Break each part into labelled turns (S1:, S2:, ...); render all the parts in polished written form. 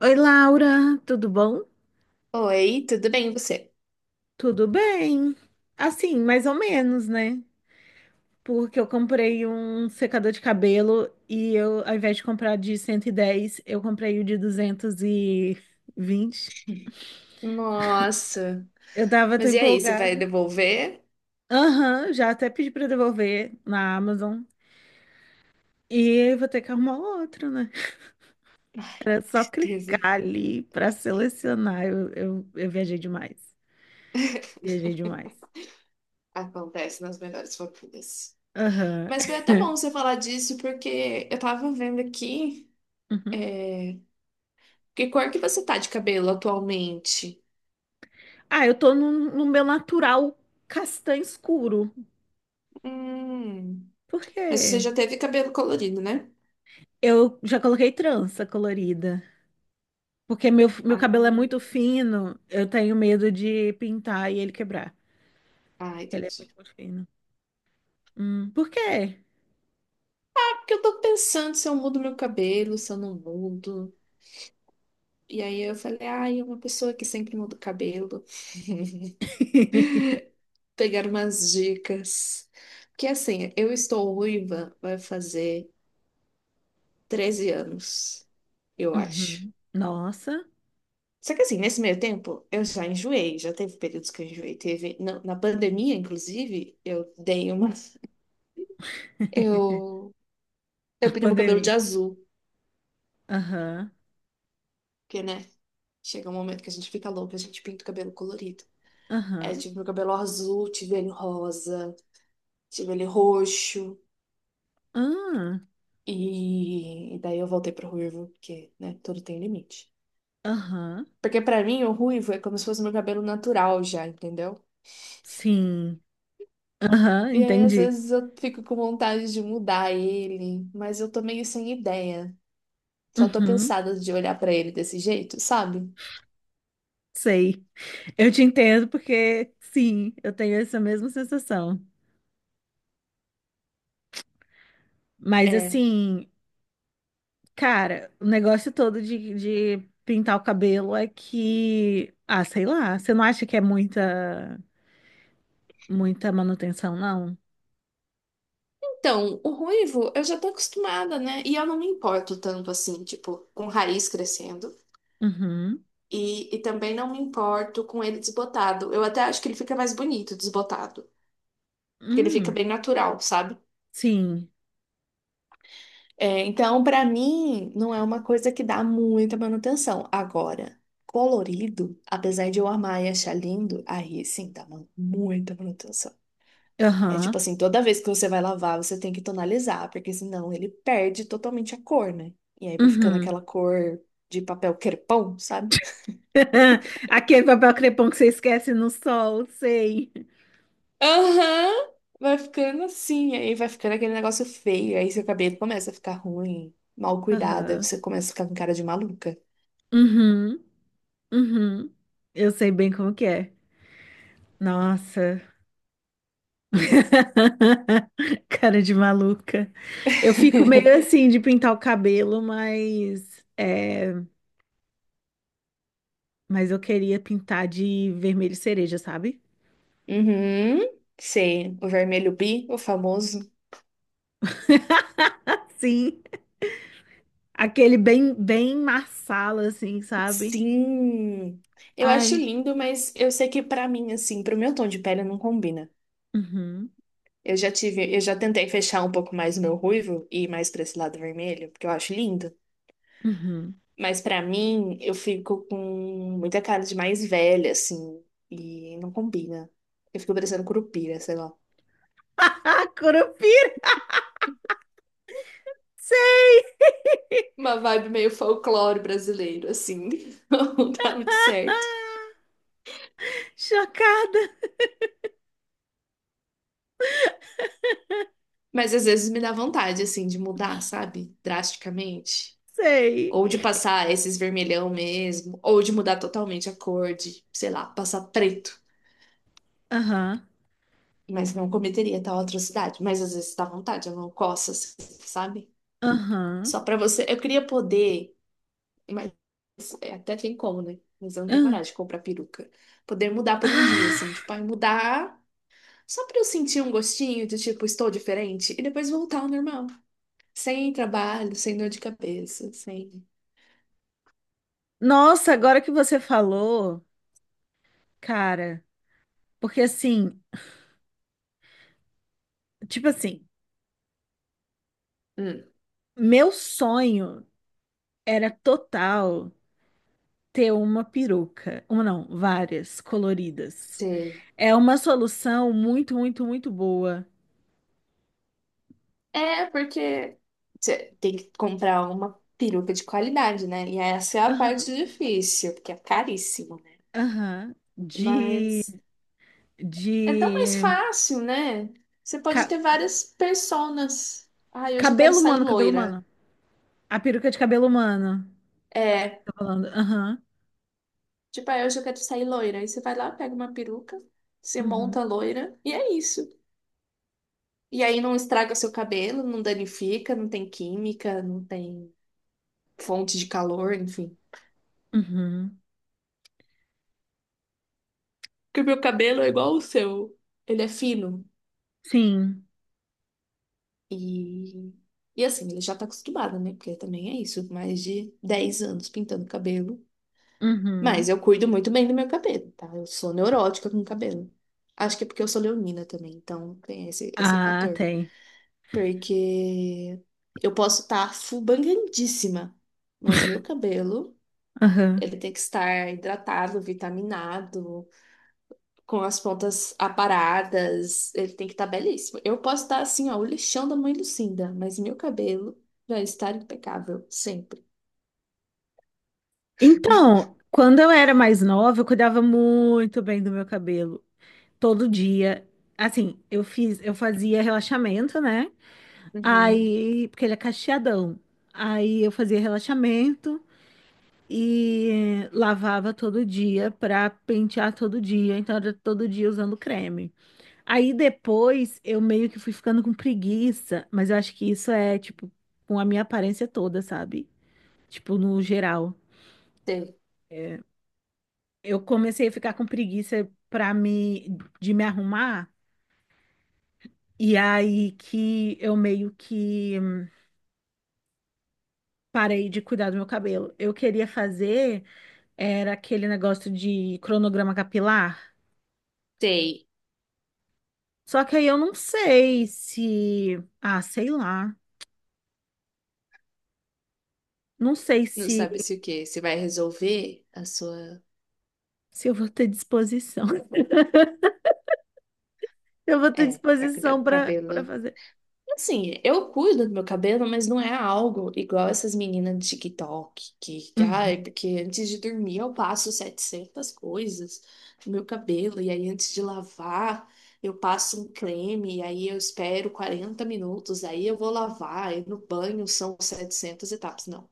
S1: Oi, Laura, tudo bom?
S2: Oi, tudo bem e você?
S1: Tudo bem? Assim, mais ou menos, né? Porque eu comprei um secador de cabelo e eu, ao invés de comprar de 110, eu comprei o de 220.
S2: Nossa,
S1: Eu tava tão
S2: mas e aí, você vai
S1: empolgada.
S2: devolver?
S1: Aham, já até pedi pra devolver na Amazon. E vou ter que arrumar outro, né?
S2: Ai,
S1: Era
S2: que
S1: só
S2: tristeza.
S1: clicar ali pra selecionar. Eu viajei demais. Viajei demais.
S2: Acontece nas melhores famílias.
S1: Aham.
S2: Mas foi até bom você falar disso, porque eu tava vendo aqui. é, Que cor que você tá de cabelo atualmente?
S1: Ah, eu tô no meu natural castanho escuro.
S2: Hum,
S1: Por
S2: mas você
S1: quê?
S2: já teve cabelo colorido, né?
S1: Eu já coloquei trança colorida. Porque meu
S2: Ah,
S1: cabelo é muito fino, eu tenho medo de pintar e ele quebrar.
S2: ah,
S1: Ele é
S2: entendi.
S1: muito, muito fino. Por quê?
S2: É porque eu tô pensando se eu mudo meu cabelo, se eu não mudo. E aí eu falei, ai, é uma pessoa que sempre muda o cabelo. Pegar umas dicas. Porque assim, eu estou ruiva, vai fazer 13 anos, eu acho.
S1: Uhum. Nossa.
S2: Só que assim, nesse meio tempo, eu já enjoei, já teve períodos que eu enjoei. Teve, na pandemia, inclusive, eu dei uma. Eu,
S1: A
S2: eu pintei meu cabelo de
S1: pandemia.
S2: azul,
S1: Aham,
S2: porque, né? Chega um momento que a gente fica louca, a gente pinta o cabelo colorido. É, eu
S1: aham.
S2: tive meu cabelo azul, tive ele rosa, tive ele roxo.
S1: Ah,
S2: E daí eu voltei pro ruivo, porque, né, tudo tem limite.
S1: aham.
S2: Porque pra mim o ruivo é como se fosse meu cabelo natural já, entendeu?
S1: Sim. Aham,
S2: E aí às
S1: entendi.
S2: vezes eu fico com vontade de mudar ele, mas eu tô meio sem ideia. Só tô
S1: Uhum,
S2: cansada de olhar pra ele desse jeito, sabe?
S1: sei. Eu te entendo porque, sim, eu tenho essa mesma sensação. Mas,
S2: É.
S1: assim, cara, o negócio todo de pintar o cabelo é que, ah, sei lá, você não acha que é muita, muita manutenção, não?
S2: Então, o ruivo eu já tô acostumada, né? E eu não me importo tanto assim, tipo, com raiz crescendo.
S1: Uhum.
S2: E também não me importo com ele desbotado. Eu até acho que ele fica mais bonito desbotado. Porque ele fica
S1: Hum,
S2: bem natural, sabe?
S1: sim.
S2: É, então, para mim, não é uma coisa que dá muita manutenção. Agora, colorido, apesar de eu amar e achar lindo, aí sim dá muita manutenção. É tipo
S1: Aham.
S2: assim, toda vez que você vai lavar, você tem que tonalizar, porque senão ele perde totalmente a cor, né? E aí vai ficando
S1: Uhum.
S2: aquela cor de papel crepom, sabe?
S1: Aquele papel crepom que você esquece no sol, sei.
S2: Aham! Vai ficando assim, aí vai ficando aquele negócio feio, aí seu cabelo começa a ficar ruim, mal cuidado, aí
S1: Aham.
S2: você começa a ficar com cara de maluca.
S1: Uhum. Uhum. Eu sei bem como que é. Nossa. Cara de maluca. Eu fico meio assim de pintar o cabelo, mas é, mas eu queria pintar de vermelho cereja, sabe?
S2: Uhum, sei, o vermelho bi, o famoso.
S1: Sim, aquele bem bem marsala assim, sabe?
S2: Sim, eu acho
S1: Ai,
S2: lindo, mas eu sei que pra mim, assim, pro meu tom de pele não combina.
S1: uhum,
S2: Eu já tentei fechar um pouco mais o meu ruivo e ir mais pra esse lado vermelho, porque eu acho lindo.
S1: uhum.
S2: Mas pra mim, eu fico com muita cara de mais velha, assim, e não combina. Eu fico parecendo curupira, sei lá.
S1: Curupira, sei.
S2: Uma vibe meio folclore brasileiro, assim. Não dá muito certo.
S1: Chocada,
S2: Mas às vezes me dá vontade, assim, de mudar, sabe? Drasticamente. Ou de
S1: sei.
S2: passar esses vermelhão mesmo. Ou de mudar totalmente a cor de, sei lá, passar preto.
S1: Aham,
S2: Mas não cometeria tal atrocidade. Mas às vezes dá vontade, a mão coça, assim, sabe?
S1: aham.
S2: Só pra você. Eu queria poder. Mas é, até tem como, né? Mas eu não tenho
S1: Ahn.
S2: coragem de comprar peruca. Poder mudar por um dia, assim.
S1: Ah.
S2: Tipo, ai, mudar. Só pra eu sentir um gostinho de tipo, estou diferente. E depois voltar ao normal. Sem trabalho, sem dor de cabeça, sem.
S1: Nossa, agora que você falou, cara, porque assim, tipo assim,
S2: Hum,
S1: meu sonho era total ter uma peruca, uma não, várias coloridas.
S2: sei.
S1: É uma solução muito, muito, muito boa.
S2: É, porque você tem que comprar uma peruca de qualidade, né? E essa é a
S1: Aham,
S2: parte difícil, porque é caríssimo, né?
S1: aham.
S2: Mas é tão mais
S1: De
S2: fácil, né? Você pode
S1: ca-
S2: ter várias personas. Ai, hoje eu quero
S1: Cabelo
S2: sair
S1: humano, cabelo
S2: loira.
S1: humano. A peruca de cabelo humano,
S2: É,
S1: tá falando. Aham,
S2: tipo, ah, hoje eu quero sair loira. Aí você vai lá, pega uma peruca, você monta
S1: uhum,
S2: a loira, e é isso. E aí não estraga seu cabelo, não danifica, não tem química, não tem fonte de calor, enfim.
S1: uhum.
S2: Porque o meu cabelo é igual o seu. Ele é fino.
S1: Sim,
S2: E, e assim, ele já tá acostumado, né? Porque também é isso, mais de 10 anos pintando cabelo. Mas
S1: uhum.
S2: eu cuido muito bem do meu cabelo, tá? Eu sou neurótica com cabelo. Acho que é porque eu sou leonina também, então tem esse
S1: Ah,
S2: fator.
S1: tem.
S2: Porque eu posso estar fubangadíssima, mas meu cabelo,
S1: Aham.
S2: ele tem que estar hidratado, vitaminado, com as pontas aparadas. Ele tem que estar belíssimo. Eu posso estar assim, ó, o lixão da mãe Lucinda, mas meu cabelo vai estar impecável, sempre.
S1: Então, quando eu era mais nova, eu cuidava muito bem do meu cabelo. Todo dia. Assim, eu fazia relaxamento, né?
S2: Uhum.
S1: Aí, porque ele é cacheadão. Aí eu fazia relaxamento e lavava todo dia pra pentear todo dia. Então era todo dia usando creme. Aí depois eu meio que fui ficando com preguiça, mas eu acho que isso é tipo com a minha aparência toda, sabe? Tipo, no geral.
S2: Sei.
S1: Eu comecei a ficar com preguiça para me arrumar e aí que eu meio que parei de cuidar do meu cabelo. Eu queria fazer era aquele negócio de cronograma capilar.
S2: Sei.
S1: Só que aí eu não sei se, ah, sei lá, não sei
S2: Não
S1: se
S2: sabe se o quê? Você vai resolver a sua.
S1: se eu vou ter disposição. Eu vou ter
S2: É, pra cuidar
S1: disposição
S2: do
S1: para
S2: cabelo.
S1: para fazer.
S2: Assim, eu cuido do meu cabelo, mas não é algo igual essas meninas de TikTok, que, ai,
S1: Uhum,
S2: porque antes de dormir eu passo 700 coisas no meu cabelo, e aí antes de lavar eu passo um creme, e aí eu espero 40 minutos, aí eu vou lavar, e no banho são 700 etapas. Não,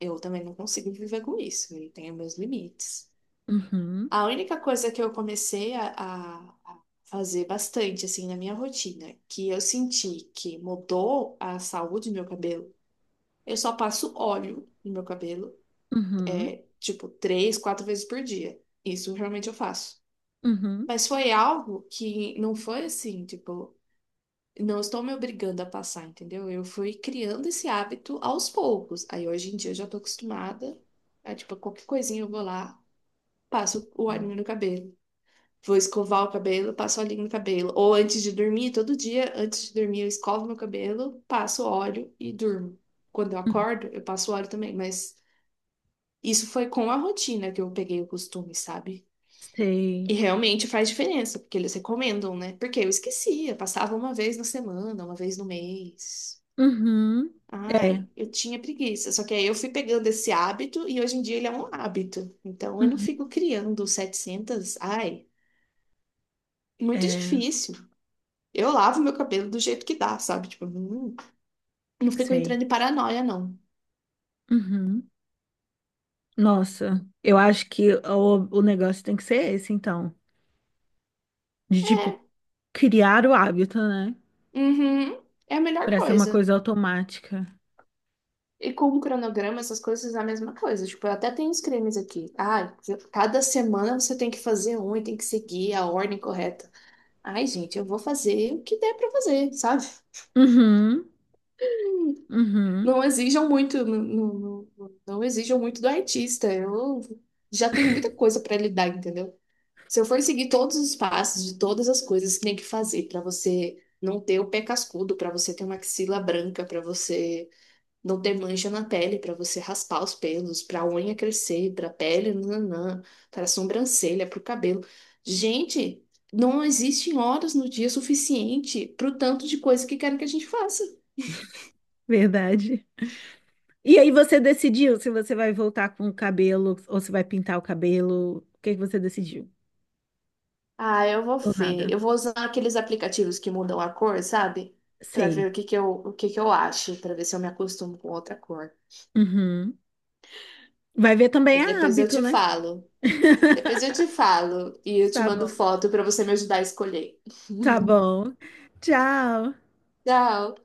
S2: eu também não consigo viver com isso, eu tenho meus limites.
S1: uhum,
S2: A única coisa que eu comecei a fazer bastante, assim, na minha rotina, que eu senti que mudou a saúde do meu cabelo, eu só passo óleo no meu cabelo,
S1: uhum,
S2: tipo, 3, 4 vezes por dia. Isso realmente eu faço.
S1: uhum,
S2: Mas foi algo que não foi assim, tipo, não estou me obrigando a passar, entendeu? Eu fui criando esse hábito aos poucos. Aí hoje em dia eu já tô acostumada. Aí, tipo, qualquer coisinha eu vou lá, passo o óleo no cabelo. Vou escovar o cabelo, passo óleo no cabelo. Ou antes de dormir, todo dia, antes de dormir, eu escovo meu cabelo, passo óleo e durmo. Quando eu
S1: uhum.
S2: acordo, eu passo óleo também, mas isso foi com a rotina que eu peguei o costume, sabe? E
S1: Sei.
S2: realmente faz diferença, porque eles recomendam, né? Porque eu esquecia, passava uma vez na semana, uma vez no mês.
S1: Uhum. É.
S2: Ai, eu tinha preguiça. Só que aí eu fui pegando esse hábito e hoje em dia ele é um hábito. Então eu não
S1: Uhum.
S2: fico criando 700. Ai, muito
S1: É,
S2: difícil. Eu lavo meu cabelo do jeito que dá, sabe? Tipo, não, não fico
S1: sei.
S2: entrando em paranoia, não.
S1: Uhum. Nossa, eu acho que o negócio tem que ser esse, então. De, tipo,
S2: É,
S1: criar o hábito, né?
S2: uhum, é a melhor
S1: Pra ser uma
S2: coisa.
S1: coisa automática.
S2: E com o cronograma, essas coisas é a mesma coisa. Tipo, eu até tenho os cremes aqui. Ah, cada semana você tem que fazer um e tem que seguir a ordem correta. Ai, gente, eu vou fazer o que der pra fazer, sabe?
S1: Uhum, uhum,
S2: Não exijam muito, não, não, não não exijam muito do artista. Eu já tenho muita coisa pra lidar, entendeu? Se eu for seguir todos os passos de todas as coisas que tem que fazer pra você não ter o pé cascudo, pra você ter uma axila branca, pra você não ter mancha na pele, pra você raspar os pelos, pra unha crescer, pra pele, nananã, para sobrancelha, pro cabelo. Gente, não existem horas no dia suficiente pro tanto de coisa que querem que a gente faça.
S1: verdade. E aí você decidiu se você vai voltar com o cabelo ou se vai pintar o cabelo? O que que você decidiu?
S2: Ah, eu vou
S1: Ou
S2: ver.
S1: nada?
S2: Eu vou usar aqueles aplicativos que mudam a cor, sabe? Pra
S1: Sei.
S2: ver o que que eu acho, pra ver se eu me acostumo com outra cor.
S1: Uhum. Vai ver também
S2: Mas
S1: é
S2: depois eu
S1: hábito,
S2: te
S1: né?
S2: falo. Depois eu te falo e eu te
S1: Tá
S2: mando
S1: bom,
S2: foto para você me ajudar a escolher.
S1: tá bom. Tchau.
S2: Tchau.